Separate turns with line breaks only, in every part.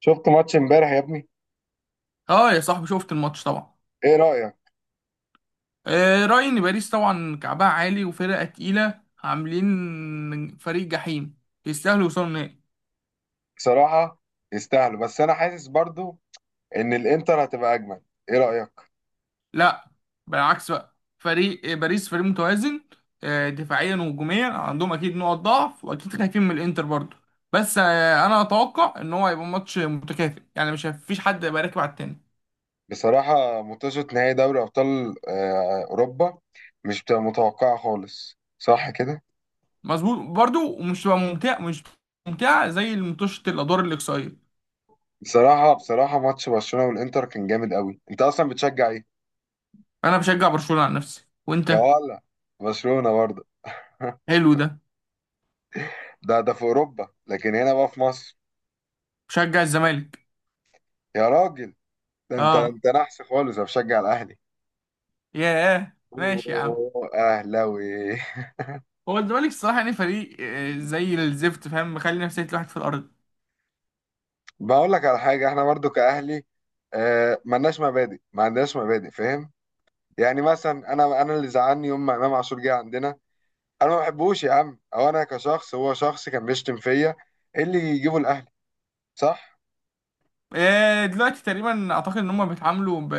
شفت ماتش امبارح يا ابني؟
اه يا صاحبي، شفت الماتش طبعا.
ايه رأيك؟
رأيي ان باريس طبعا كعبها عالي وفرقة تقيلة، عاملين فريق جحيم يستاهلوا يوصلوا النهائي.
بصراحة يستاهلوا، بس انا حاسس برضو ان الانتر هتبقى اجمل. ايه رأيك؟
لا بالعكس، بقى فريق باريس فريق متوازن آه دفاعيا وهجوميا، عندهم اكيد نقط ضعف واكيد خايفين من الانتر برضو. بس انا اتوقع ان هو هيبقى ماتش متكافئ، يعني مش هيفيش حد هيبقى راكب على التاني.
بصراحة، ماتشات نهائي دوري ابطال اوروبا مش بتبقى متوقعة خالص، صح كده؟
مظبوط برضو، ومش هتبقى ممتع، مش ممتعة زي ماتش الادوار الاقصائية.
بصراحة ماتش برشلونة والانتر كان جامد قوي. انت اصلا بتشجع ايه؟
انا بشجع برشلونة عن نفسي،
يا
وانت؟
ولا، برشلونة برضه.
حلو ده،
ده في اوروبا، لكن هنا بقى في مصر.
مشجع الزمالك؟
يا راجل، ده انت
اه.
انت نحس خالص، انا بشجع الاهلي.
ياه، ماشي يا عم.
أوه، اهلاوي!
هو الزمالك الصراحه يعني فريق زي الزفت، فاهم، مخلي نفسيه الواحد في الارض.
بقول لك على حاجه، احنا برضو كاهلي. آه ملناش مبادئ، ما عندناش مبادئ، فاهم؟ يعني مثلا انا اللي زعلني يوم ما امام عاشور جه عندنا. انا ما بحبوش يا عم، او انا كشخص، هو شخص كان بيشتم فيا. إيه اللي يجيبه الاهلي؟ صح.
دلوقتي تقريبا اعتقد ان هم بيتعاملوا ب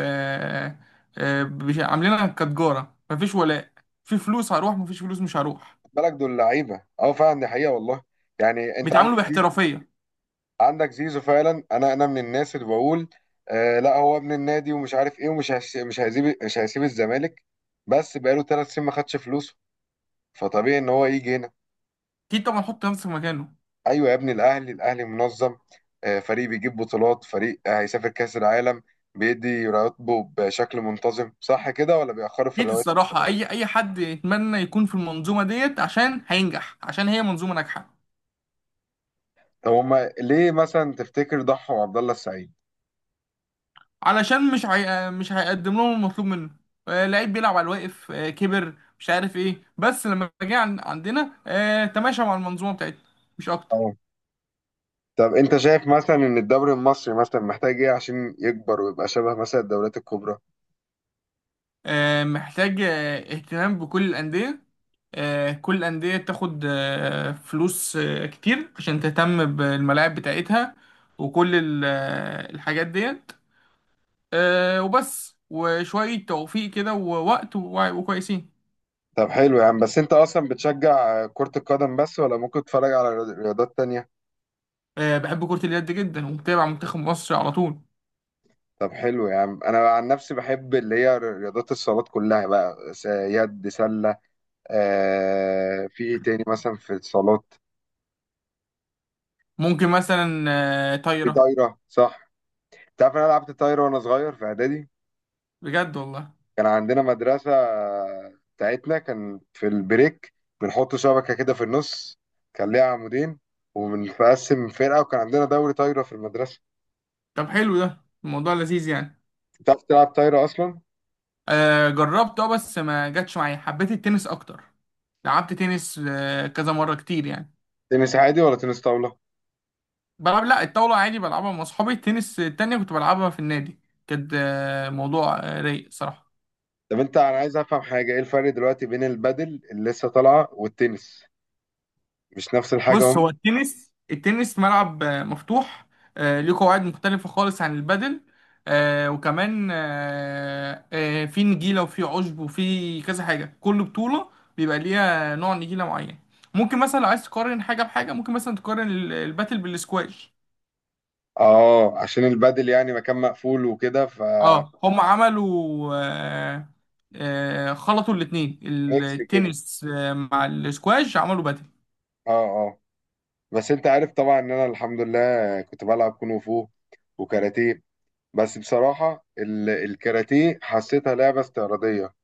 آه، بش- عاملينها كتجاره، مفيش ولاء. في فلوس هروح، مفيش فلوس مش هروح.
خد بالك دول لعيبه، اه فعلا، دي حقيقه والله. يعني انت عندك
بيتعاملوا
زيزو.
باحترافيه.
عندك زيزو فعلا، انا من الناس اللي بقول: آه لا، هو ابن النادي ومش عارف ايه ومش هش- مش هيسيب مش هيسيب الزمالك. بس بقاله 3 سنين ما خدش فلوسه، فطبيعي ان هو يجي هنا.
اكيد طبعا، حط نفسك مكانه.
ايوه يا ابني، الاهلي منظم، فريق بيجيب بطولات، فريق هيسافر كاس العالم، بيدي رواتبه بشكل منتظم، صح كده ولا بيأخروا في
اكيد
الرواتب؟
الصراحه اي حد يتمنى يكون في المنظومه ديت، عشان هينجح، عشان هي منظومه ناجحه.
طب هما ليه مثلا تفتكر ضحوا عبد الله السعيد؟
علشان مش هيقدم لهم المطلوب منه. لعيب بيلعب على الواقف كبر مش عارف ايه، بس لما جه عندنا تماشى مع المنظومه بتاعتنا، مش اكتر.
اه. طب انت شايف مثلا ان الدوري المصري مثلا محتاج ايه عشان يكبر ويبقى شبه مثلا الدوريات الكبرى؟
محتاج اهتمام بكل الانديه. كل الانديه تاخد فلوس كتير، عشان تهتم بالملاعب بتاعتها وكل الحاجات ديت. وبس، وشويه توفيق كده ووقت وكويسين.
طب حلو يا عم، بس انت اصلا بتشجع كرة القدم بس، ولا ممكن تتفرج على رياضات تانية؟
بحب كره اليد جدا، ومتابع منتخب مصر على طول.
طب حلو يا عم، انا عن نفسي بحب اللي هي رياضات الصالات كلها بقى: يد، سلة. في ايه تاني مثلا في الصالات؟
ممكن مثلا
في
طايرة.
طايره، صح. انت عارف انا لعبت طايره وانا صغير في اعدادي.
بجد والله؟
كان عندنا مدرسه بتاعتنا، كان في البريك بنحط شبكه كده في النص، كان ليها عمودين، وبنقسم فرقه، وكان عندنا دوري طايره في المدرسه.
طب حلو، ده الموضوع لذيذ يعني.
انت عارف تلعب طايره اصلا؟
جربت اه، بس ما جاتش معايا، حبيت التنس اكتر. لعبت تنس كذا مرة، كتير يعني.
تنس عادي ولا تنس طاوله؟
بلعب، لا الطاولة عادي بلعبها مع اصحابي، التنس التانية كنت بلعبها في النادي. كانت موضوع رايق صراحة.
طب انا عايز افهم حاجه، ايه الفرق دلوقتي بين البادل اللي لسه طالعه والتنس؟ مش نفس الحاجه
بص، هو
هم؟
التنس ملعب مفتوح ليه قواعد مختلفة خالص عن البادل. وكمان في نجيلة وفي عشب وفي كذا حاجة، كل بطولة بيبقى ليها نوع نجيلة معين. ممكن مثلا لو عايز تقارن حاجة بحاجة، ممكن مثلا تقارن الباتل بالسكواش.
اه، عشان البادل يعني مكان مقفول وكده، ف...
اه هم عملوا خلطوا الاتنين.
ميكس كده.
التنس مع السكواش، عملوا باتل.
اه، اه. بس انت عارف طبعا ان انا الحمد لله كنت بلعب كونغ فو وكاراتيه. بس بصراحة الكاراتيه حسيتها لعبة استعراضية.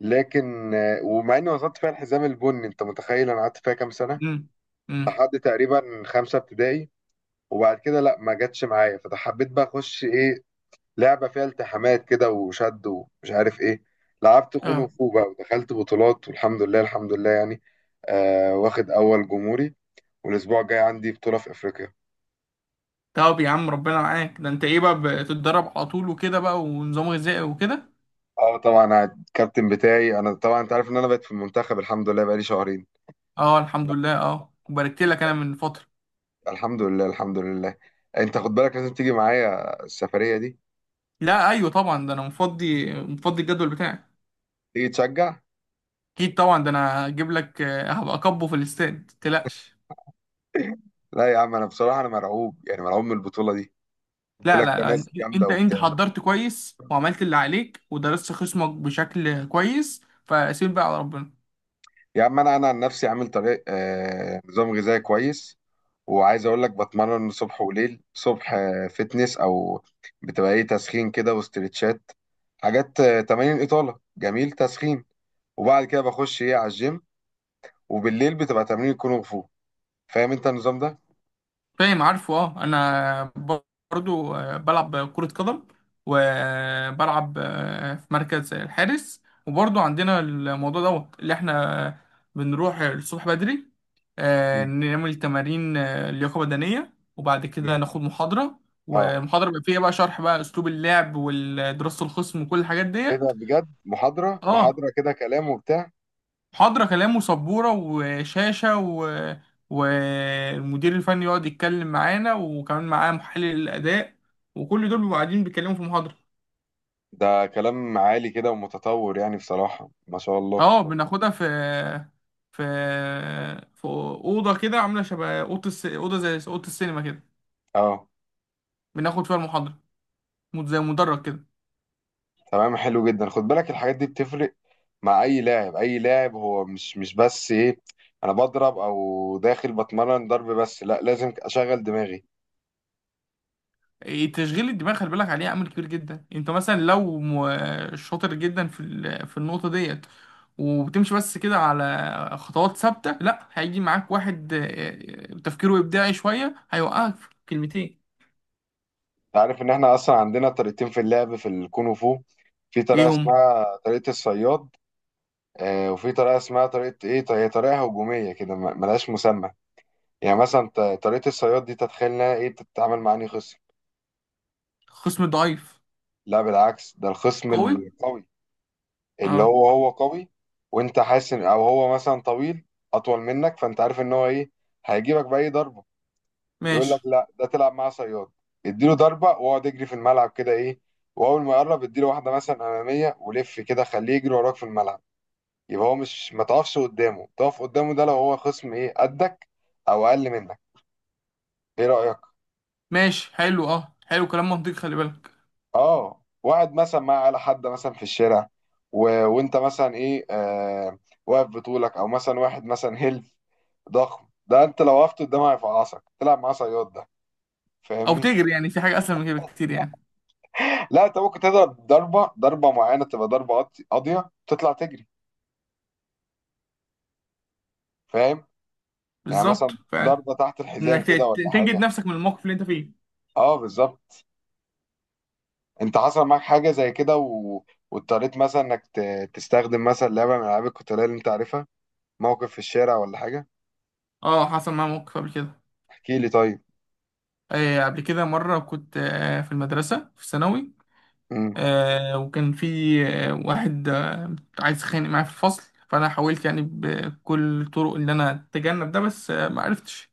لكن ومع اني وصلت فيها الحزام البني، انت متخيل انا قعدت فيها كام سنة؟
امم امم.
لحد تقريبا 5 ابتدائي. وبعد كده لا، ما جاتش معايا، فحبيت بقى اخش ايه؟ لعبة فيها التحامات كده وشد ومش عارف ايه. لعبت كونغ
اه
فو بقى، ودخلت بطولات، والحمد لله الحمد لله يعني. واخد أول جمهوري، والأسبوع الجاي عندي بطولة في أفريقيا.
طب يا عم ربنا معاك. ده انت ايه بقى، بتتدرب على طول وكده بقى، ونظام غذائي وكده؟
اه طبعا، أنا الكابتن بتاعي، انا طبعا انت عارف ان انا بقيت في المنتخب الحمد لله بقالي شهرين.
اه الحمد لله، اه وباركت لك انا من فترة.
الحمد لله الحمد لله. انت خد بالك، لازم تيجي معايا السفرية دي،
لا ايوه طبعا، ده انا مفضي، مفضي الجدول بتاعي.
تيجي تشجع.
اكيد طبعا، ده انا هجيب لك هبقى اكبه في الاستاد، متقلقش.
لا يا عم، انا بصراحة انا مرعوب، يعني مرعوب من البطولة دي. بيقول
لا
لك
لا
في
لا انت،
ناس جامدة
انت
وبتاع.
حضرت كويس وعملت اللي عليك ودرست خصمك بشكل كويس، فسيب بقى على ربنا.
يا عم، انا عن نفسي عامل طريق آه نظام غذائي كويس، وعايز اقول لك بتمرن صبح وليل. صبح فتنس، او بتبقى ايه، تسخين كده واسترتشات، حاجات تمارين اطاله، جميل، تسخين. وبعد كده بخش ايه على الجيم. وبالليل بتبقى تمارين كونغ فو. فاهم انت النظام ده؟
فاهم، عارفه اه. انا برضو بلعب كرة قدم، وبلعب في مركز الحارس. وبرضو عندنا الموضوع دوت، اللي احنا بنروح الصبح بدري
مم.
نعمل تمارين لياقة بدنية، وبعد كده
مم.
ناخد محاضرة.
اه.
والمحاضرة بيبقى فيها بقى شرح بقى اسلوب اللعب ودراسة الخصم وكل الحاجات
ايه ده
ديت.
بجد، محاضره
اه
محاضره كده كلام وبتاع؟
محاضرة كلام وسبورة وشاشة، و... والمدير الفني يقعد يتكلم معانا، وكمان معاه محلل الأداء، وكل دول بيبقوا قاعدين بيتكلموا في محاضرة.
ده كلام عالي كده ومتطور يعني، بصراحه ما شاء الله.
اه بناخدها في في في أوضة كده، عاملة شبه أوضة زي أوضة السينما كده،
اه
بناخد فيها المحاضرة، زي مدرج كده.
تمام، حلو جدا، خد بالك الحاجات دي بتفرق مع اي لاعب اي لاعب. هو مش بس ايه، انا بضرب او داخل بتمرن ضرب بس، لا، لازم اشغل دماغي.
تشغيل الدماغ خلي بالك عليه، عامل كبير جدا. انت مثلا لو شاطر جدا في في النقطه ديت، وبتمشي بس كده على خطوات ثابته، لا، هيجي معاك واحد تفكيره ابداعي شويه، هيوقعك في كلمتين.
انت عارف ان احنا اصلا عندنا طريقتين في اللعب في الكونغ فو. في
ايه
طريقه
هم؟
اسمها طريقه الصياد، وفي طريقه اسمها طريقه ايه، هي طريقه هجوميه كده ملهاش مسمى. يعني مثلا طريقه الصياد دي، تتخيل انها ايه، بتتعامل مع انهي خصم؟
خصم ضعيف.
لا بالعكس، ده الخصم
قوي.
القوي، اللي
اه
هو قوي، وانت حاسس ان او هو مثلا طويل، اطول منك، فانت عارف ان هو ايه، هيجيبك باي ضربه. يقول
ماشي.
لك لا، ده تلعب معاه صياد. اديله ضربه، واقعد يجري في الملعب كده ايه، واول ما يقرب اديله واحده مثلا اماميه ولف كده، خليه يجري وراك في الملعب. يبقى هو مش ما تقفش قدامه، تقف قدامه ده لو هو خصم ايه قدك، او اقل منك. ايه رايك؟
ماشي حلو، اه حلو، كلام منطقي، خلي بالك.
اه، واحد مثلا على حد مثلا في الشارع، و... وانت مثلا ايه واقف بطولك، او مثلا واحد مثلا هيل ضخم، ده انت لو وقفت قدامه هيفعصك. تلعب معاه صياد ده،
او
فاهمني؟
تجري، يعني في حاجه اسهل من كده بكتير يعني.
لا، انت ممكن تضرب ضربه معينه، تبقى ضربه قاضيه، تطلع تجري. فاهم؟ يعني
بالظبط
مثلا
فعلا،
ضربه تحت الحزام
انك
كده ولا
تنجد
حاجه.
نفسك من الموقف اللي انت فيه.
اه بالظبط. انت حصل معاك حاجه زي كده، و... واضطريت مثلا انك ت... تستخدم مثلا لعبه من العاب القتاليه اللي انت عارفها، موقف في الشارع ولا حاجه؟
اه حصل معايا موقف قبل كده.
احكي لي طيب.
قبل كده مرة كنت في المدرسة في الثانوي
امم.
وكان في واحد عايز يتخانق معايا في الفصل. فأنا حاولت يعني بكل الطرق إن أنا أتجنب ده، بس ما عرفتش.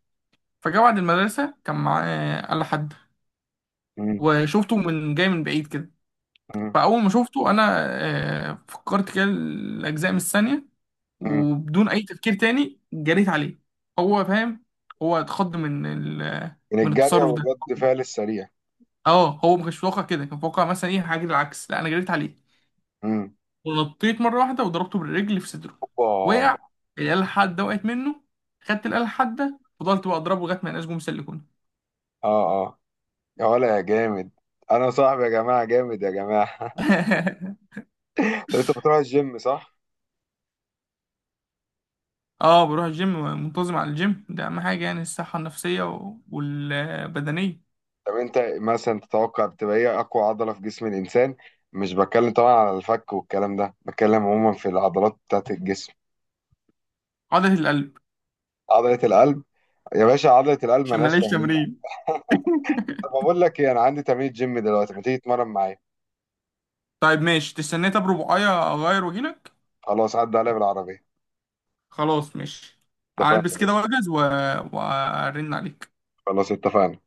فجاء بعد المدرسة كان معاه آلة حادة،
امم.
وشفته من جاي من بعيد كده.
امم.
فأول ما شفته أنا فكرت كده الأجزاء من الثانية،
امم.
وبدون أي تفكير تاني جريت عليه. هو فاهم، هو اتخض من
من
من
الجاريه
التصرف ده.
والرد فعل السريع.
اه هو ما كانش متوقع كده، كان متوقع مثلا ايه حاجه العكس، لا انا جريت عليه
امم.
ونطيت مره واحده وضربته بالرجل في صدره.
اوبا.
وقع، الاله الحاده وقعت منه، خدت الاله الحاده، فضلت بقى اضربه لغايه ما ينقش جم سلكوني.
اه، اه. يا ولا يا جامد، انا صاحبي يا جماعه جامد يا جماعه. طب انت بتروح الجيم، صح؟
اه بروح الجيم، منتظم على الجيم، ده اهم حاجه يعني، الصحه النفسيه والبدنيه.
طب انت مثلا تتوقع بتبقى ايه اقوى عضله في جسم الانسان؟ مش بتكلم طبعا على الفك والكلام ده، بتكلم عموما في العضلات بتاعت الجسم.
عضله القلب.
عضله القلب. يا باشا، عضله القلب
عشان
ملهاش
ماليش
تمرين.
تمرين.
طب اقول لك ايه، انا عندي تمرين جيم دلوقتي، ما تيجي تتمرن معايا؟
طيب ماشي، تستنى، طب ربعايه اغير واجيلك.
خلاص عدى عليا بالعربيه.
خلاص ماشي.
اتفقنا يا
هلبس كده
باشا.
واجهز و- وارن عليك.
خلاص اتفقنا.